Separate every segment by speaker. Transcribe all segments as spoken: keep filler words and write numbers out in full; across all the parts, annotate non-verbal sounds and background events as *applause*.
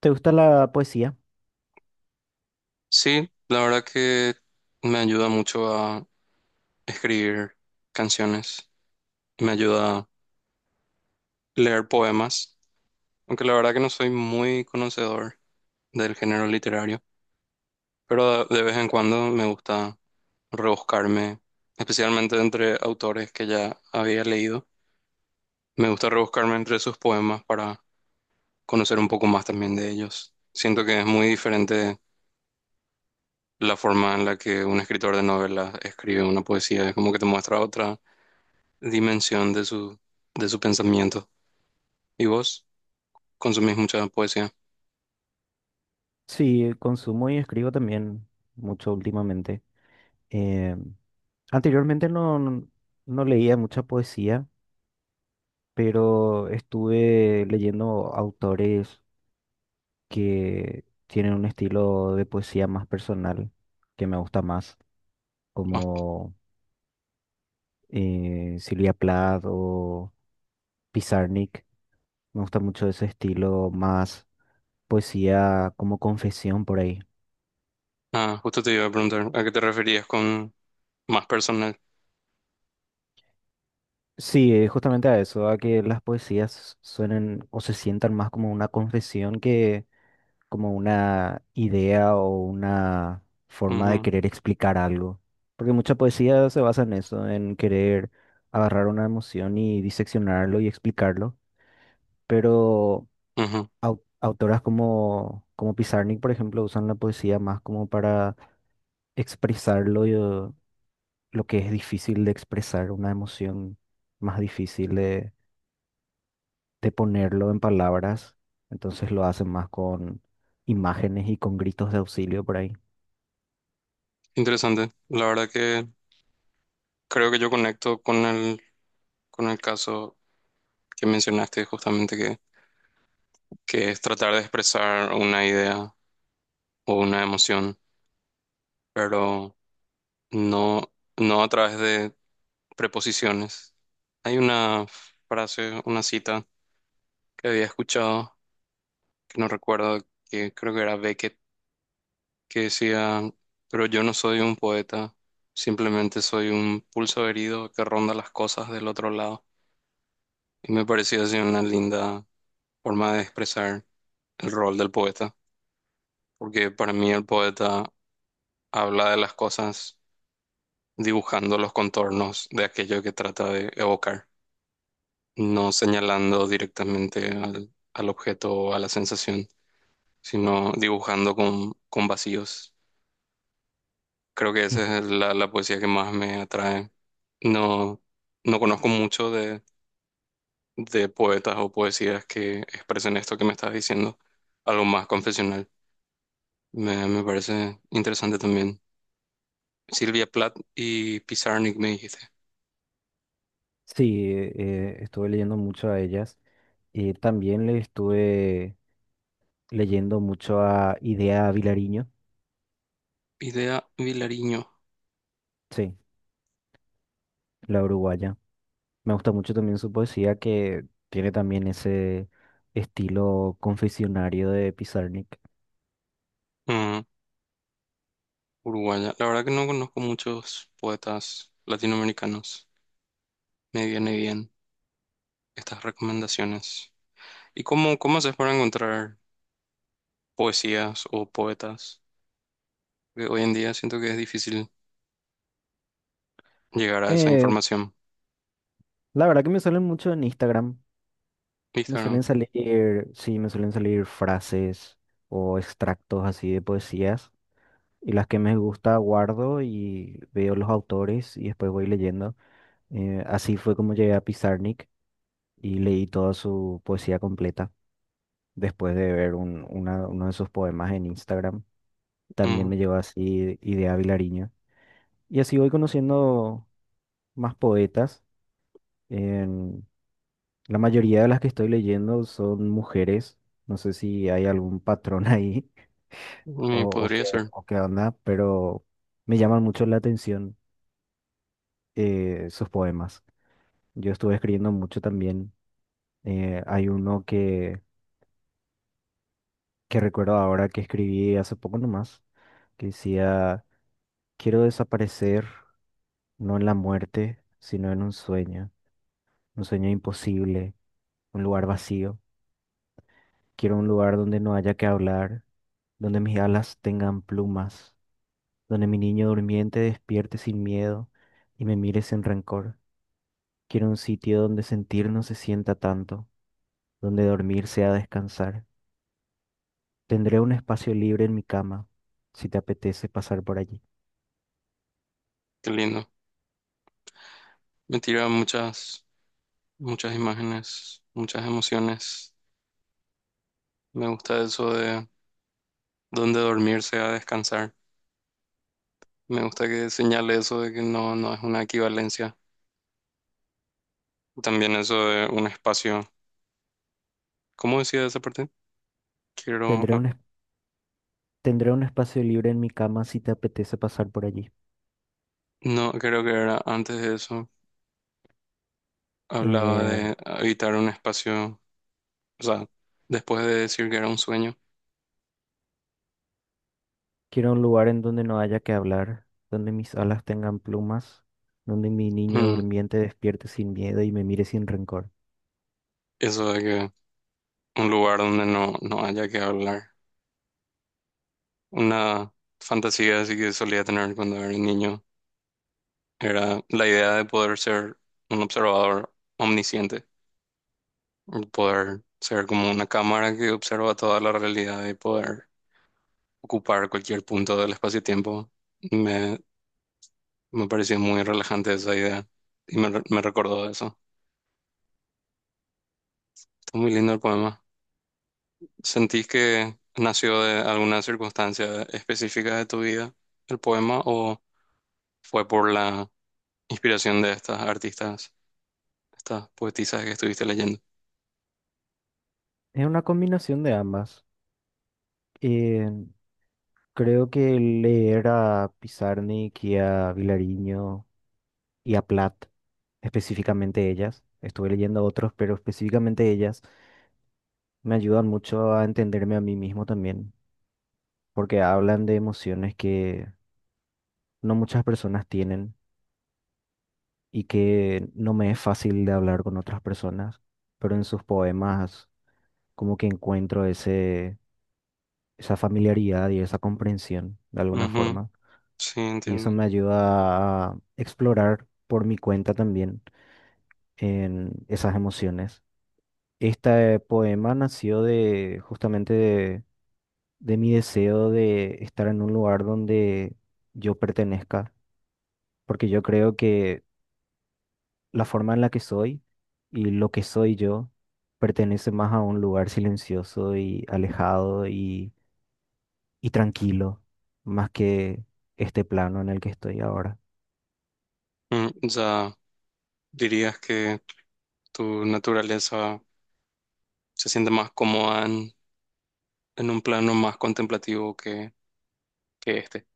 Speaker 1: ¿Te gusta la poesía?
Speaker 2: Sí, la verdad que me ayuda mucho a escribir canciones, me ayuda a leer poemas, aunque la verdad que no soy muy conocedor del género literario, pero de vez en cuando me gusta rebuscarme, especialmente entre autores que ya había leído, me gusta rebuscarme entre sus poemas para conocer un poco más también de ellos. Siento que es muy diferente la forma en la que un escritor de novelas escribe una poesía, es como que te muestra otra dimensión de su, de su pensamiento. ¿Y vos consumís mucha poesía?
Speaker 1: Sí, consumo y escribo también mucho últimamente. Eh, Anteriormente no, no no leía mucha poesía, pero estuve leyendo autores que tienen un estilo de poesía más personal, que me gusta más,
Speaker 2: Ah,
Speaker 1: como eh, Silvia Plath o Pizarnik. Me gusta mucho ese estilo más poesía como confesión por ahí.
Speaker 2: ah, justo te iba a preguntar, ¿a qué te referías con más personal?
Speaker 1: Sí, eh, justamente a eso, a que las poesías suenen o se sientan más como una confesión que como una idea o una forma de
Speaker 2: Ujú,
Speaker 1: querer explicar algo. Porque mucha poesía se basa en eso, en querer agarrar una emoción y diseccionarlo y explicarlo. Pero
Speaker 2: ujú.
Speaker 1: au- autoras como, como Pizarnik, por ejemplo, usan la poesía más como para expresarlo, y, eh, lo que es difícil de expresar, una emoción más difícil de ponerlo en palabras, entonces lo hacen más con imágenes y con gritos de auxilio por ahí. *laughs*
Speaker 2: Interesante. La verdad que creo que yo conecto con el, con el caso que mencionaste justamente, que, que es tratar de expresar una idea o una emoción, pero no, no a través de preposiciones. Hay una frase, una cita que había escuchado no recuerdo que creo que era Beckett que decía, pero yo no soy un poeta, simplemente soy un pulso herido que ronda las cosas del otro lado. Y me pareció así una linda forma de expresar el rol del poeta, porque para mí el poeta habla de las cosas dibujando los contornos de aquello que trata de evocar, no señalando directamente al, al objeto o a la sensación, sino dibujando con, con vacíos. Creo que
Speaker 1: Mm.
Speaker 2: esa es la, la poesía que más me atrae. No, no conozco mucho de, de poetas o poesías que expresen esto que me estás diciendo, algo más confesional. Me, me parece interesante también. Silvia Plath y Pizarnik me dijiste.
Speaker 1: Sí, eh, estuve leyendo mucho a ellas y también le estuve leyendo mucho a Idea Vilariño,
Speaker 2: Idea Vilariño,
Speaker 1: sí, la uruguaya. Me gusta mucho también su poesía que tiene también ese estilo confesionario de Pizarnik.
Speaker 2: ujú, uruguaya. La verdad que no conozco muchos poetas latinoamericanos. Me viene bien estas recomendaciones. ¿Y cómo, cómo haces para encontrar poesías o poetas? Que hoy en día siento que es difícil llegar a esa
Speaker 1: Eh,
Speaker 2: información.
Speaker 1: la verdad que me salen mucho en Instagram. Me
Speaker 2: Instagram.
Speaker 1: suelen salir, sí, me suelen salir frases o extractos así de poesías y las que me gusta guardo y veo los autores y después voy leyendo. Eh, así fue como llegué a Pizarnik y leí toda su poesía completa después de ver un- una- uno de sus poemas en Instagram. También
Speaker 2: Mm.
Speaker 1: me llevó así Idea Vilariño. Y así voy conociendo más poetas. En- la mayoría de las que estoy leyendo son mujeres. No sé si hay algún patrón *laughs* ahí o,
Speaker 2: Mm,
Speaker 1: o
Speaker 2: podría
Speaker 1: qué,
Speaker 2: ser.
Speaker 1: o qué onda, pero me llaman mucho la atención eh, sus poemas. Yo estuve escribiendo mucho también. Eh, hay uno que, que recuerdo ahora que escribí hace poco nomás, que decía, quiero desaparecer, no en la muerte, sino en un sueño, un sueño imposible, un lugar vacío. Quiero un lugar donde no haya que hablar, donde mis alas tengan plumas, donde mi niño durmiente despierte sin miedo y me mire sin rencor. Quiero un sitio donde sentir no se sienta tanto, donde dormir sea descansar. Tendré un espacio libre en mi cama, si te apetece pasar por allí.
Speaker 2: Qué lindo. Me tira muchas, muchas imágenes, muchas emociones. Me gusta eso de dónde dormirse a descansar. Me gusta que señale eso de que no, no es una equivalencia. También eso de un espacio. ¿Cómo decía esa parte? Quiero,
Speaker 1: Tendré
Speaker 2: ah,
Speaker 1: un, es- Tendré un espacio libre en mi cama, si te apetece pasar por allí.
Speaker 2: no, creo que era antes de eso. Hablaba
Speaker 1: Eh,
Speaker 2: de habitar un espacio, o sea, después de decir que era un sueño.
Speaker 1: Quiero un lugar en donde no haya que hablar, donde mis alas tengan plumas, donde mi niño
Speaker 2: Mm,
Speaker 1: durmiente despierte sin miedo y me mire sin rencor.
Speaker 2: Eso de que un lugar donde no, no haya que hablar. Una fantasía así que solía tener cuando era niño era la idea de poder ser un observador omnisciente, poder ser como una cámara que observa toda la realidad y poder ocupar cualquier punto del espacio-tiempo. Me, me pareció muy relajante esa idea y me, re- me recordó eso. Está muy lindo el poema. ¿Sentís que nació de alguna circunstancia específica de tu vida el poema o fue por la inspiración de estas artistas, estas poetisas que estuviste leyendo?
Speaker 1: Es una combinación de ambas. Eh, Creo que leer a Pizarnik y a Vilariño y a Platt, específicamente ellas. Estuve leyendo otros, pero específicamente ellas me ayudan mucho a entenderme a mí mismo también, porque hablan de emociones que no muchas personas tienen y que no me es fácil de hablar con otras personas, pero en sus poemas como que encuentro ese, esa familiaridad y esa comprensión de alguna
Speaker 2: Ujú,
Speaker 1: forma,
Speaker 2: sí,
Speaker 1: y eso
Speaker 2: entiendo.
Speaker 1: me ayuda a explorar por mi cuenta también en esas emociones. Este poema nació de justamente de, de mi deseo de estar en un lugar donde yo pertenezca, porque yo creo que la forma en la que soy y lo que soy yo pertenece más a un lugar silencioso y alejado y, y tranquilo, más que este plano en el que estoy ahora.
Speaker 2: Mm, ya dirías que tu naturaleza se siente más cómoda en, en un plano más contemplativo que, que este.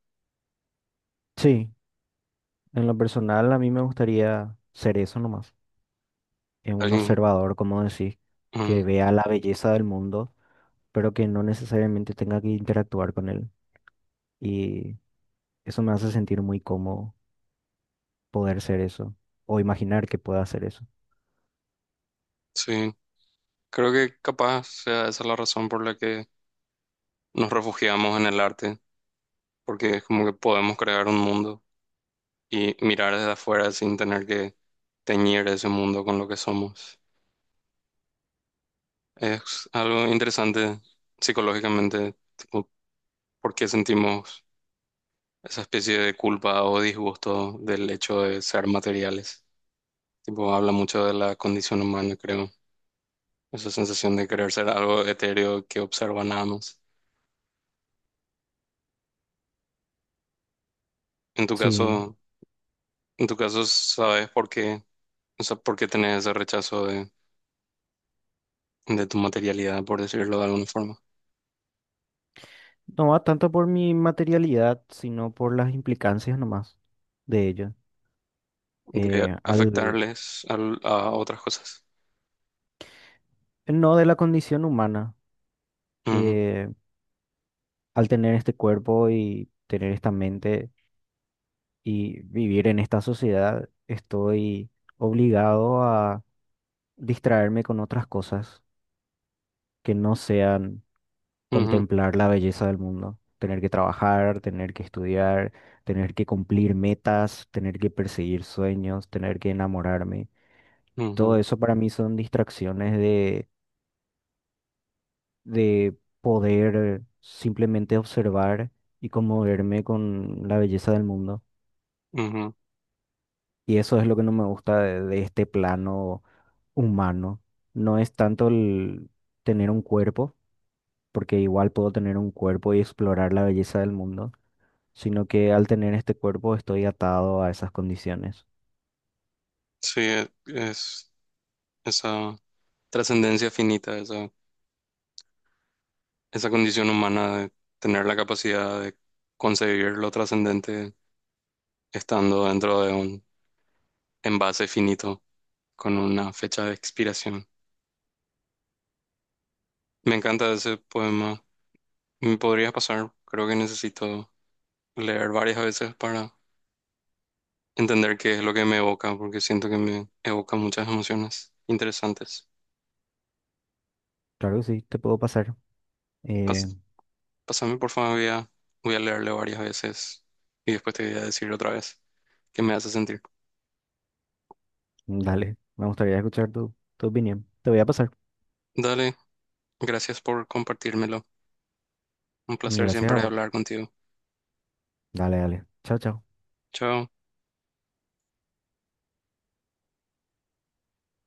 Speaker 1: Sí, en lo personal a mí me gustaría ser eso nomás, eh, un
Speaker 2: Alguien,
Speaker 1: observador, como decís,
Speaker 2: mm,
Speaker 1: que vea la belleza del mundo pero que no necesariamente tenga que interactuar con él. Y eso me hace sentir muy cómodo poder ser eso, o imaginar que pueda hacer eso.
Speaker 2: sí, creo que capaz sea esa la razón por la que nos refugiamos en el arte, porque es como que podemos crear un mundo y mirar desde afuera sin tener que teñir ese mundo con lo que somos. Es algo interesante psicológicamente, tipo, por qué sentimos esa especie de culpa o disgusto del hecho de ser materiales. Tipo, habla mucho de la condición humana, creo. Esa sensación de querer ser algo etéreo que observa nada más. En tu
Speaker 1: Sí,
Speaker 2: caso, en tu caso, ¿sabes por qué? O sea, ¿por qué tenés ese rechazo de, de tu materialidad, por decirlo de alguna forma?
Speaker 1: no va tanto por mi materialidad, sino por las implicancias nomás de ello.
Speaker 2: De
Speaker 1: Eh, al,
Speaker 2: afectarles al- a, otras cosas.
Speaker 1: no de la condición humana,
Speaker 2: Ujú,
Speaker 1: eh, al tener este cuerpo y tener esta mente y vivir en esta sociedad, estoy obligado a distraerme con otras cosas que no sean
Speaker 2: ujú,
Speaker 1: contemplar la belleza del mundo, tener que trabajar, tener que estudiar, tener que cumplir metas, tener que perseguir sueños, tener que enamorarme. Todo
Speaker 2: ujú,
Speaker 1: eso para mí son distracciones de, de poder simplemente observar y conmoverme con la belleza del mundo.
Speaker 2: ujú.
Speaker 1: Y eso es lo que no me gusta de, de este plano humano. No es tanto el tener un cuerpo, porque igual puedo tener un cuerpo y explorar la belleza del mundo sino que al tener este cuerpo estoy atado a esas condiciones.
Speaker 2: Sí, es... esa trascendencia finita, esa, esa condición humana de tener la capacidad de concebir lo trascendente estando dentro de un envase finito con una fecha de expiración. Me encanta ese poema. Me podría pasar, creo que necesito leer varias veces para entender qué es lo que me evoca, porque siento que me evoca muchas emociones interesantes.
Speaker 1: Claro que sí, te puedo pasar. Eh,
Speaker 2: Pas- Pásame, por favor, voy a, voy a leerlo varias veces y después te voy a decir otra vez qué me hace sentir.
Speaker 1: Dale, me gustaría escuchar tu, tu opinión. Te voy a pasar.
Speaker 2: Dale. Gracias por compartírmelo. Un placer
Speaker 1: Gracias a
Speaker 2: siempre
Speaker 1: vos.
Speaker 2: hablar contigo.
Speaker 1: Dale, dale. Chao, chao.
Speaker 2: Chao.